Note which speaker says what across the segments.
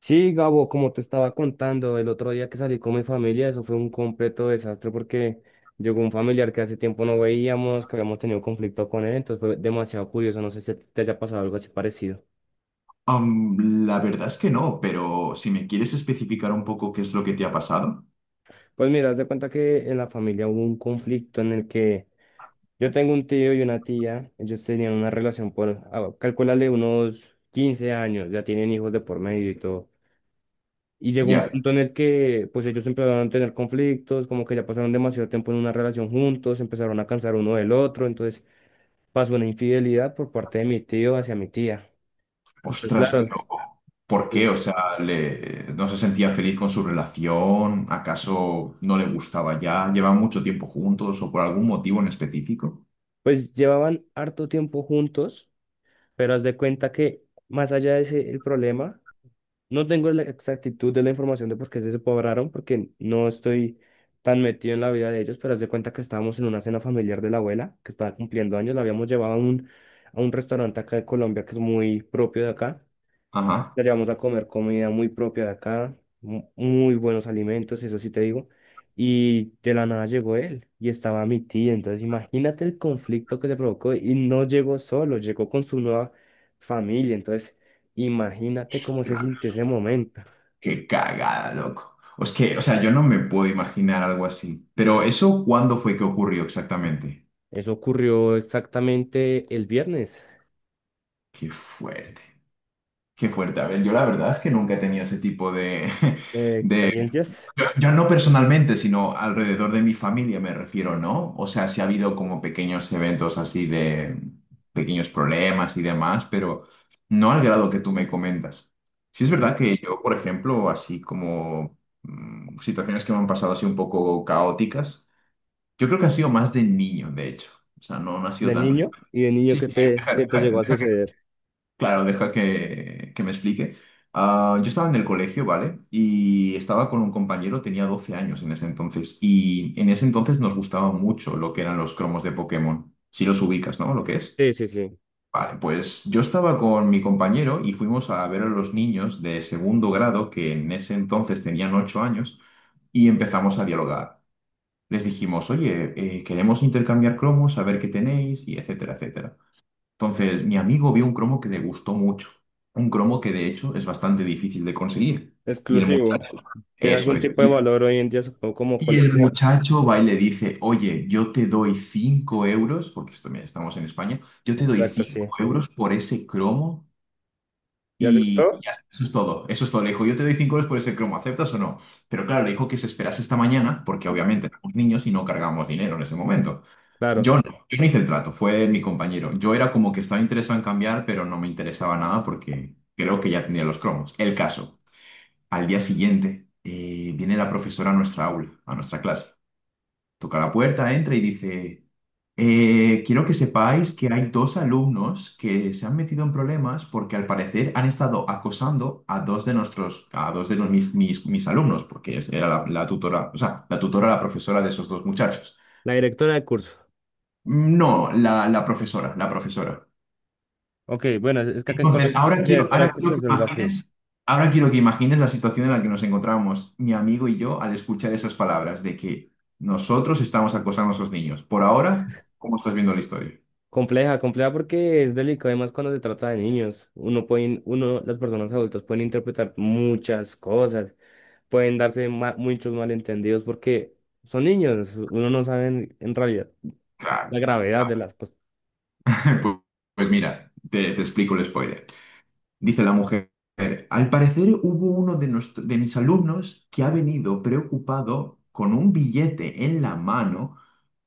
Speaker 1: Sí, Gabo, como te estaba contando, el otro día que salí con mi familia, eso fue un completo desastre porque llegó un familiar que hace tiempo no veíamos, que habíamos tenido conflicto con él. Entonces fue demasiado curioso, no sé si te haya pasado algo así parecido.
Speaker 2: La verdad es que no, pero si me quieres especificar un poco qué es lo que te ha pasado,
Speaker 1: Pues mira, haz de cuenta que en la familia hubo un conflicto en el que yo tengo un tío y una tía. Ellos tenían una relación por, calcúlale, unos 15 años, ya tienen hijos de por medio y todo. Y llegó un
Speaker 2: ya,
Speaker 1: punto en el que pues ellos empezaron a tener conflictos, como que ya pasaron demasiado tiempo en una relación juntos, empezaron a cansar uno del otro. Entonces pasó una infidelidad por parte de mi tío hacia mi tía. Y pues
Speaker 2: ostras,
Speaker 1: claro,
Speaker 2: pero ¿por qué?
Speaker 1: pues,
Speaker 2: O sea, ¿no se sentía feliz con su relación? ¿Acaso no le gustaba ya? ¿Llevan mucho tiempo juntos o por algún motivo en específico?
Speaker 1: pues llevaban harto tiempo juntos, pero haz de cuenta que más allá de ese el problema, no tengo la exactitud de la información de por qué se separaron, porque no estoy tan metido en la vida de ellos. Pero haz de cuenta que estábamos en una cena familiar de la abuela, que estaba cumpliendo años. La habíamos llevado a un restaurante acá de Colombia que es muy propio de acá,
Speaker 2: Ajá.
Speaker 1: la llevamos a comer comida muy propia de acá, muy buenos alimentos, eso sí te digo. Y de la nada llegó él y estaba mi tía. Entonces imagínate el conflicto que se provocó, y no llegó solo, llegó con su nueva familia. Entonces imagínate cómo se
Speaker 2: Ostras,
Speaker 1: sintió ese momento.
Speaker 2: qué cagada, loco. Es que, o sea, yo no me puedo imaginar algo así. Pero ¿eso cuándo fue que ocurrió exactamente?
Speaker 1: Eso ocurrió exactamente el viernes.
Speaker 2: Qué fuerte. Qué fuerte. A ver, yo la verdad es que nunca he tenido ese tipo de,
Speaker 1: Experiencias
Speaker 2: Yo no personalmente, sino alrededor de mi familia me refiero, ¿no? O sea, sí ha habido como pequeños eventos así de pequeños problemas y demás, pero no al grado que tú me comentas. Sí es
Speaker 1: ahí
Speaker 2: verdad que yo, por ejemplo, así como situaciones que me han pasado así un poco caóticas, yo creo que ha sido más de niño, de hecho. O sea, no, no ha sido
Speaker 1: de
Speaker 2: tan
Speaker 1: niño,
Speaker 2: reciente.
Speaker 1: y de niño
Speaker 2: Sí, sí, sí,
Speaker 1: que te llegó a suceder.
Speaker 2: Claro, deja que me explique. Ah, yo estaba en el colegio, ¿vale? Y estaba con un compañero, tenía 12 años en ese entonces. Y en ese entonces nos gustaba mucho lo que eran los cromos de Pokémon. Si los ubicas, ¿no? Lo que es.
Speaker 1: Sí, sí, sí.
Speaker 2: Vale, pues yo estaba con mi compañero y fuimos a ver a los niños de segundo grado, que en ese entonces tenían 8 años, y empezamos a dialogar. Les dijimos, oye, queremos intercambiar cromos, a ver qué tenéis, y etcétera, etcétera. Entonces, mi amigo vio un cromo que le gustó mucho, un cromo que de hecho es bastante difícil de conseguir. Y el
Speaker 1: Exclusivo.
Speaker 2: muchacho,
Speaker 1: Tiene
Speaker 2: eso
Speaker 1: algún
Speaker 2: es.
Speaker 1: tipo de
Speaker 2: Y
Speaker 1: valor hoy en día, supongo, como
Speaker 2: y el
Speaker 1: colección.
Speaker 2: muchacho va y le dice, oye, yo te doy 5 euros, porque esto, mira, estamos en España, yo te doy
Speaker 1: Exacto,
Speaker 2: 5
Speaker 1: sí.
Speaker 2: euros por ese cromo
Speaker 1: ¿Ya
Speaker 2: y
Speaker 1: aceptó?
Speaker 2: ya está, eso es todo, eso es todo. Le dijo, yo te doy 5 euros por ese cromo, ¿aceptas o no? Pero claro, le dijo que se esperase esta mañana, porque obviamente éramos niños y no cargábamos dinero en ese momento.
Speaker 1: Claro.
Speaker 2: Yo no, yo no hice el trato, fue mi compañero. Yo era como que estaba interesado en cambiar, pero no me interesaba nada porque creo que ya tenía los cromos. El caso, al día siguiente viene la profesora a nuestra aula, a nuestra clase. Toca la puerta, entra y dice, "Quiero que sepáis que hay dos alumnos que se han metido en problemas porque al parecer han estado acosando a a dos de no- mis alumnos, porque era la tutora, o sea, la tutora, la profesora de esos dos muchachos.
Speaker 1: La directora de curso.
Speaker 2: No, la profesora, la profesora.
Speaker 1: Ok, bueno, es que acá en
Speaker 2: Entonces,
Speaker 1: Colombia, directora de curso es algo así.
Speaker 2: ahora quiero que imagines la situación en la que nos encontramos mi amigo y yo al escuchar esas palabras de que nosotros estamos acosando a esos niños. Por ahora, ¿cómo estás viendo la historia?
Speaker 1: Compleja, compleja, porque es delicado, además cuando se trata de niños. Uno pueden, uno, las personas adultas pueden interpretar muchas cosas, pueden darse muchos malentendidos porque son niños, uno no sabe en realidad la
Speaker 2: Claro.
Speaker 1: gravedad de las cosas.
Speaker 2: Pues, pues mira, te explico el spoiler. Dice la mujer, al parecer hubo uno de mis alumnos que ha venido preocupado con un billete en la mano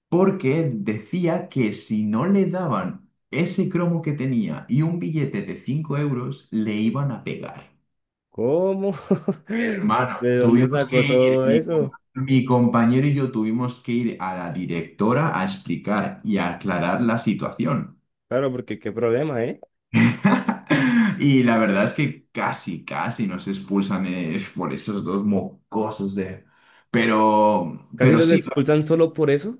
Speaker 2: porque decía que si no le daban ese cromo que tenía y un billete de 5 euros, le iban a pegar.
Speaker 1: ¿Cómo?
Speaker 2: Hermano,
Speaker 1: ¿De dónde
Speaker 2: tuvimos que
Speaker 1: sacó
Speaker 2: ir,
Speaker 1: todo eso?
Speaker 2: mi compañero y yo tuvimos que ir a la directora a explicar y a aclarar la situación.
Speaker 1: Claro, porque qué problema, ¿eh?
Speaker 2: Y la verdad es que casi, casi nos expulsan por esos dos mocosos de... Pero,
Speaker 1: Casi
Speaker 2: pero
Speaker 1: los
Speaker 2: sí.
Speaker 1: expulsan solo por eso.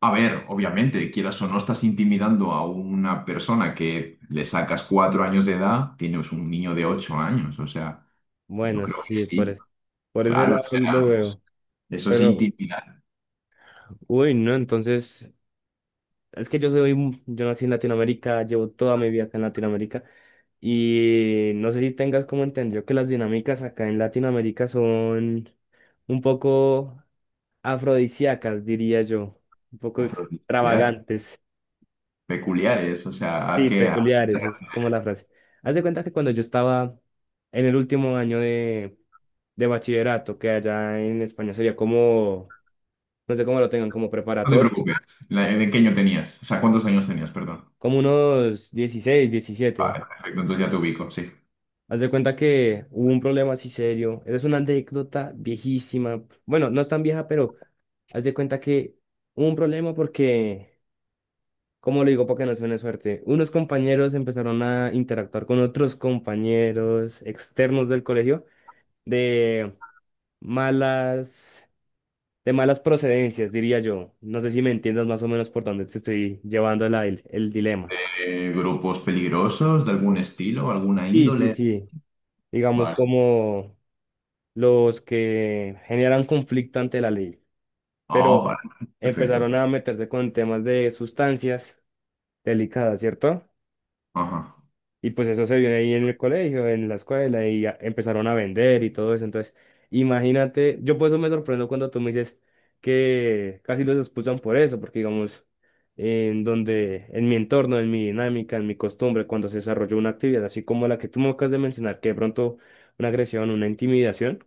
Speaker 2: A ver, obviamente, quieras o no, estás intimidando a una persona que le sacas 4 años de edad, tienes un niño de 8 años, o sea, yo
Speaker 1: Bueno,
Speaker 2: creo que
Speaker 1: sí, por,
Speaker 2: sí,
Speaker 1: por ese
Speaker 2: claro,
Speaker 1: lado
Speaker 2: o
Speaker 1: lo
Speaker 2: sea,
Speaker 1: veo.
Speaker 2: eso es
Speaker 1: Pero,
Speaker 2: intimidar,
Speaker 1: uy, no, entonces, es que yo soy, yo nací en Latinoamérica, llevo toda mi vida acá en Latinoamérica, y no sé si tengas como entendido que las dinámicas acá en Latinoamérica son un poco afrodisíacas, diría yo, un poco
Speaker 2: afrodisíaco,
Speaker 1: extravagantes,
Speaker 2: peculiares, o sea, ¿a
Speaker 1: sí,
Speaker 2: qué?
Speaker 1: peculiares, es como la frase. Haz de cuenta que cuando yo estaba en el último año de bachillerato, que allá en España sería como no sé cómo lo tengan, como
Speaker 2: No te
Speaker 1: preparatoria,
Speaker 2: preocupes, ¿de qué año tenías? O sea, ¿cuántos años tenías, perdón?
Speaker 1: como unos 16 17.
Speaker 2: Vale, perfecto, entonces ya te ubico, sí.
Speaker 1: Haz de cuenta que hubo un problema así serio. Esa es una anécdota viejísima. Bueno, no es tan vieja, pero haz de cuenta que hubo un problema porque, ¿cómo lo digo? Porque no suene suerte. Unos compañeros empezaron a interactuar con otros compañeros externos del colegio de malas, de malas procedencias, diría yo. No sé si me entiendas más o menos por dónde te estoy llevando el dilema.
Speaker 2: ¿Grupos peligrosos de algún estilo, alguna
Speaker 1: Sí, sí,
Speaker 2: índole?
Speaker 1: sí. Digamos,
Speaker 2: Vale.
Speaker 1: como los que generan conflicto ante la ley, pero
Speaker 2: Oh, vale, perfecto.
Speaker 1: empezaron a meterse con temas de sustancias delicadas, ¿cierto?
Speaker 2: Ajá.
Speaker 1: Y pues eso se vio ahí en el colegio, en la escuela, y ya empezaron a vender y todo eso. Entonces, imagínate, yo por eso me sorprendo cuando tú me dices que casi los expulsan por eso, porque digamos, en donde, en mi entorno, en mi dinámica, en mi costumbre, cuando se desarrolló una actividad así como la que tú me acabas de mencionar, que de pronto una agresión, una intimidación,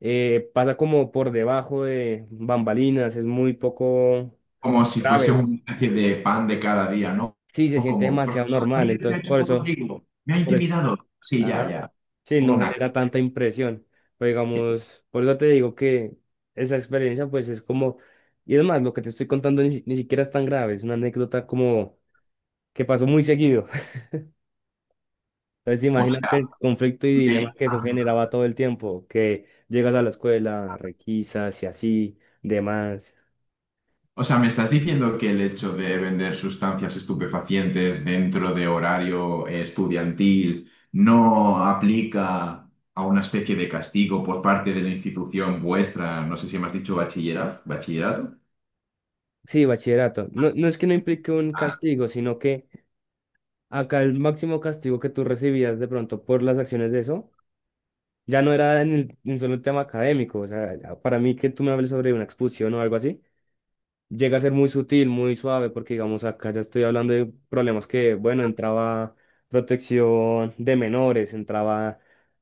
Speaker 1: pasa como por debajo de bambalinas, es muy poco
Speaker 2: Como si fuese
Speaker 1: grave.
Speaker 2: una especie de pan de cada día, ¿no?
Speaker 1: Sí, se
Speaker 2: O
Speaker 1: siente
Speaker 2: Como,
Speaker 1: demasiado
Speaker 2: profesor,
Speaker 1: normal,
Speaker 2: mire que ha
Speaker 1: entonces
Speaker 2: hecho un Rodrigo, me ha
Speaker 1: por eso,
Speaker 2: intimidado. Sí, ya,
Speaker 1: ajá,
Speaker 2: ya.
Speaker 1: sí,
Speaker 2: Ponga
Speaker 1: no
Speaker 2: una cara.
Speaker 1: genera tanta impresión. Pero digamos, por eso te digo que esa experiencia pues es como, y es más, lo que te estoy contando ni, ni siquiera es tan grave, es una anécdota como que pasó muy seguido. Entonces
Speaker 2: O
Speaker 1: imagínate
Speaker 2: sea,
Speaker 1: el conflicto y dilema
Speaker 2: me,
Speaker 1: que eso generaba todo el tiempo, que llegas a la escuela, requisas y así, demás.
Speaker 2: o sea, me estás diciendo que el hecho de vender sustancias estupefacientes dentro de horario estudiantil no aplica a una especie de castigo por parte de la institución vuestra, no sé si me has dicho bachillerato, bachillerato.
Speaker 1: Sí, bachillerato. No, no es que no implique un
Speaker 2: Ah,
Speaker 1: castigo, sino que acá el máximo castigo que tú recibías de pronto por las acciones de eso, ya no era en el, en solo el tema académico. O sea, para mí que tú me hables sobre una expulsión o algo así, llega a ser muy sutil, muy suave, porque digamos acá ya estoy hablando de problemas que, bueno, entraba protección de menores, entraba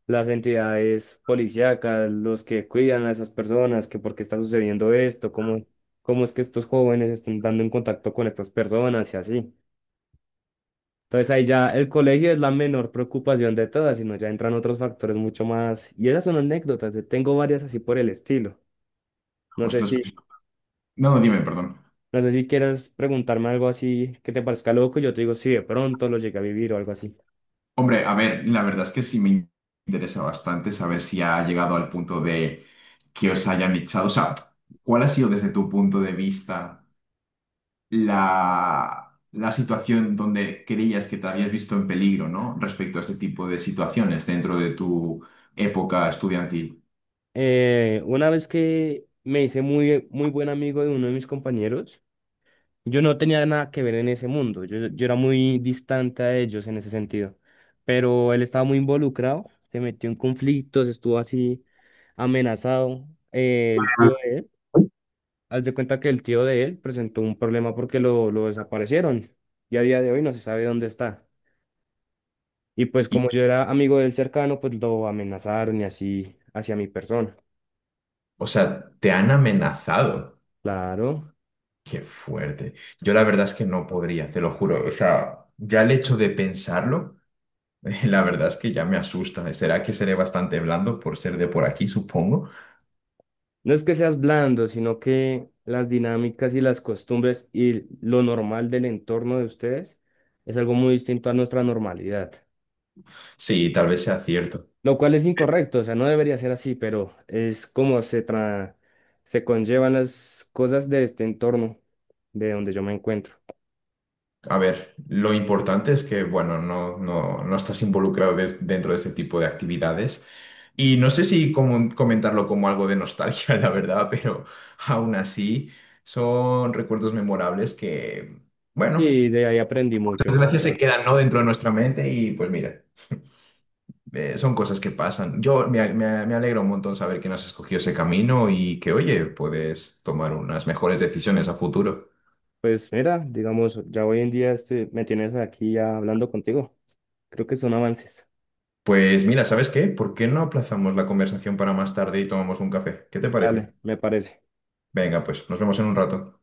Speaker 1: las entidades policíacas, los que cuidan a esas personas, que por qué está sucediendo esto, cómo, cómo es que estos jóvenes están dando en contacto con estas personas y así. Entonces ahí ya el colegio es la menor preocupación de todas, sino ya entran otros factores mucho más. Y esas son anécdotas, yo tengo varias así por el estilo. No sé
Speaker 2: ostras,
Speaker 1: si
Speaker 2: pues, no, dime, perdón.
Speaker 1: No sé si quieras preguntarme algo así que te parezca loco, yo te digo si de pronto lo llegué a vivir o algo así.
Speaker 2: Hombre, a ver, la verdad es que sí me interesa bastante saber si ha llegado al punto de que os hayan echado. O sea, ¿cuál ha sido desde tu punto de vista la situación donde creías que te habías visto en peligro, ¿no? Respecto a este tipo de situaciones dentro de tu época estudiantil.
Speaker 1: Una vez que me hice muy, muy buen amigo de uno de mis compañeros, yo no tenía nada que ver en ese mundo, yo era muy distante a ellos en ese sentido, pero él estaba muy involucrado, se metió en conflictos, estuvo así amenazado. Eh, el tío, de- Haz de cuenta que el tío de él presentó un problema porque lo desaparecieron y a día de hoy no se sabe dónde está. Y pues
Speaker 2: Y,
Speaker 1: como yo era amigo del cercano, pues lo amenazaron y así hacia mi persona.
Speaker 2: o sea, te han amenazado.
Speaker 1: Claro.
Speaker 2: Qué fuerte. Yo la verdad es que no podría, te lo juro. O sea, ya el hecho de pensarlo. La verdad es que ya me asusta. ¿Será que seré bastante blando por ser de por aquí, supongo?
Speaker 1: No es que seas blando, sino que las dinámicas y las costumbres y lo normal del entorno de ustedes es algo muy distinto a nuestra normalidad.
Speaker 2: Sí, tal vez sea cierto.
Speaker 1: Lo cual es incorrecto, o sea, no debería ser así, pero es como se conllevan las cosas de este entorno, de donde yo me encuentro.
Speaker 2: A ver, lo importante es que, bueno, no, no, no estás involucrado dentro de este tipo de actividades. Y no sé si comentarlo como algo de nostalgia, la verdad, pero aún así son recuerdos memorables que, bueno,
Speaker 1: Y de ahí aprendí
Speaker 2: por
Speaker 1: mucho, la
Speaker 2: desgracia
Speaker 1: verdad.
Speaker 2: se quedan, ¿no? dentro de nuestra mente y pues mira. Son cosas que pasan. Yo me alegra un montón saber que no has escogido ese camino y que, oye, puedes tomar unas mejores decisiones a futuro.
Speaker 1: Pues mira, digamos, ya hoy en día estoy, me tienes aquí ya hablando contigo. Creo que son avances.
Speaker 2: Pues mira, ¿sabes qué? ¿Por qué no aplazamos la conversación para más tarde y tomamos un café? ¿Qué te
Speaker 1: Dale,
Speaker 2: parece?
Speaker 1: me parece.
Speaker 2: Venga, pues nos vemos en un rato.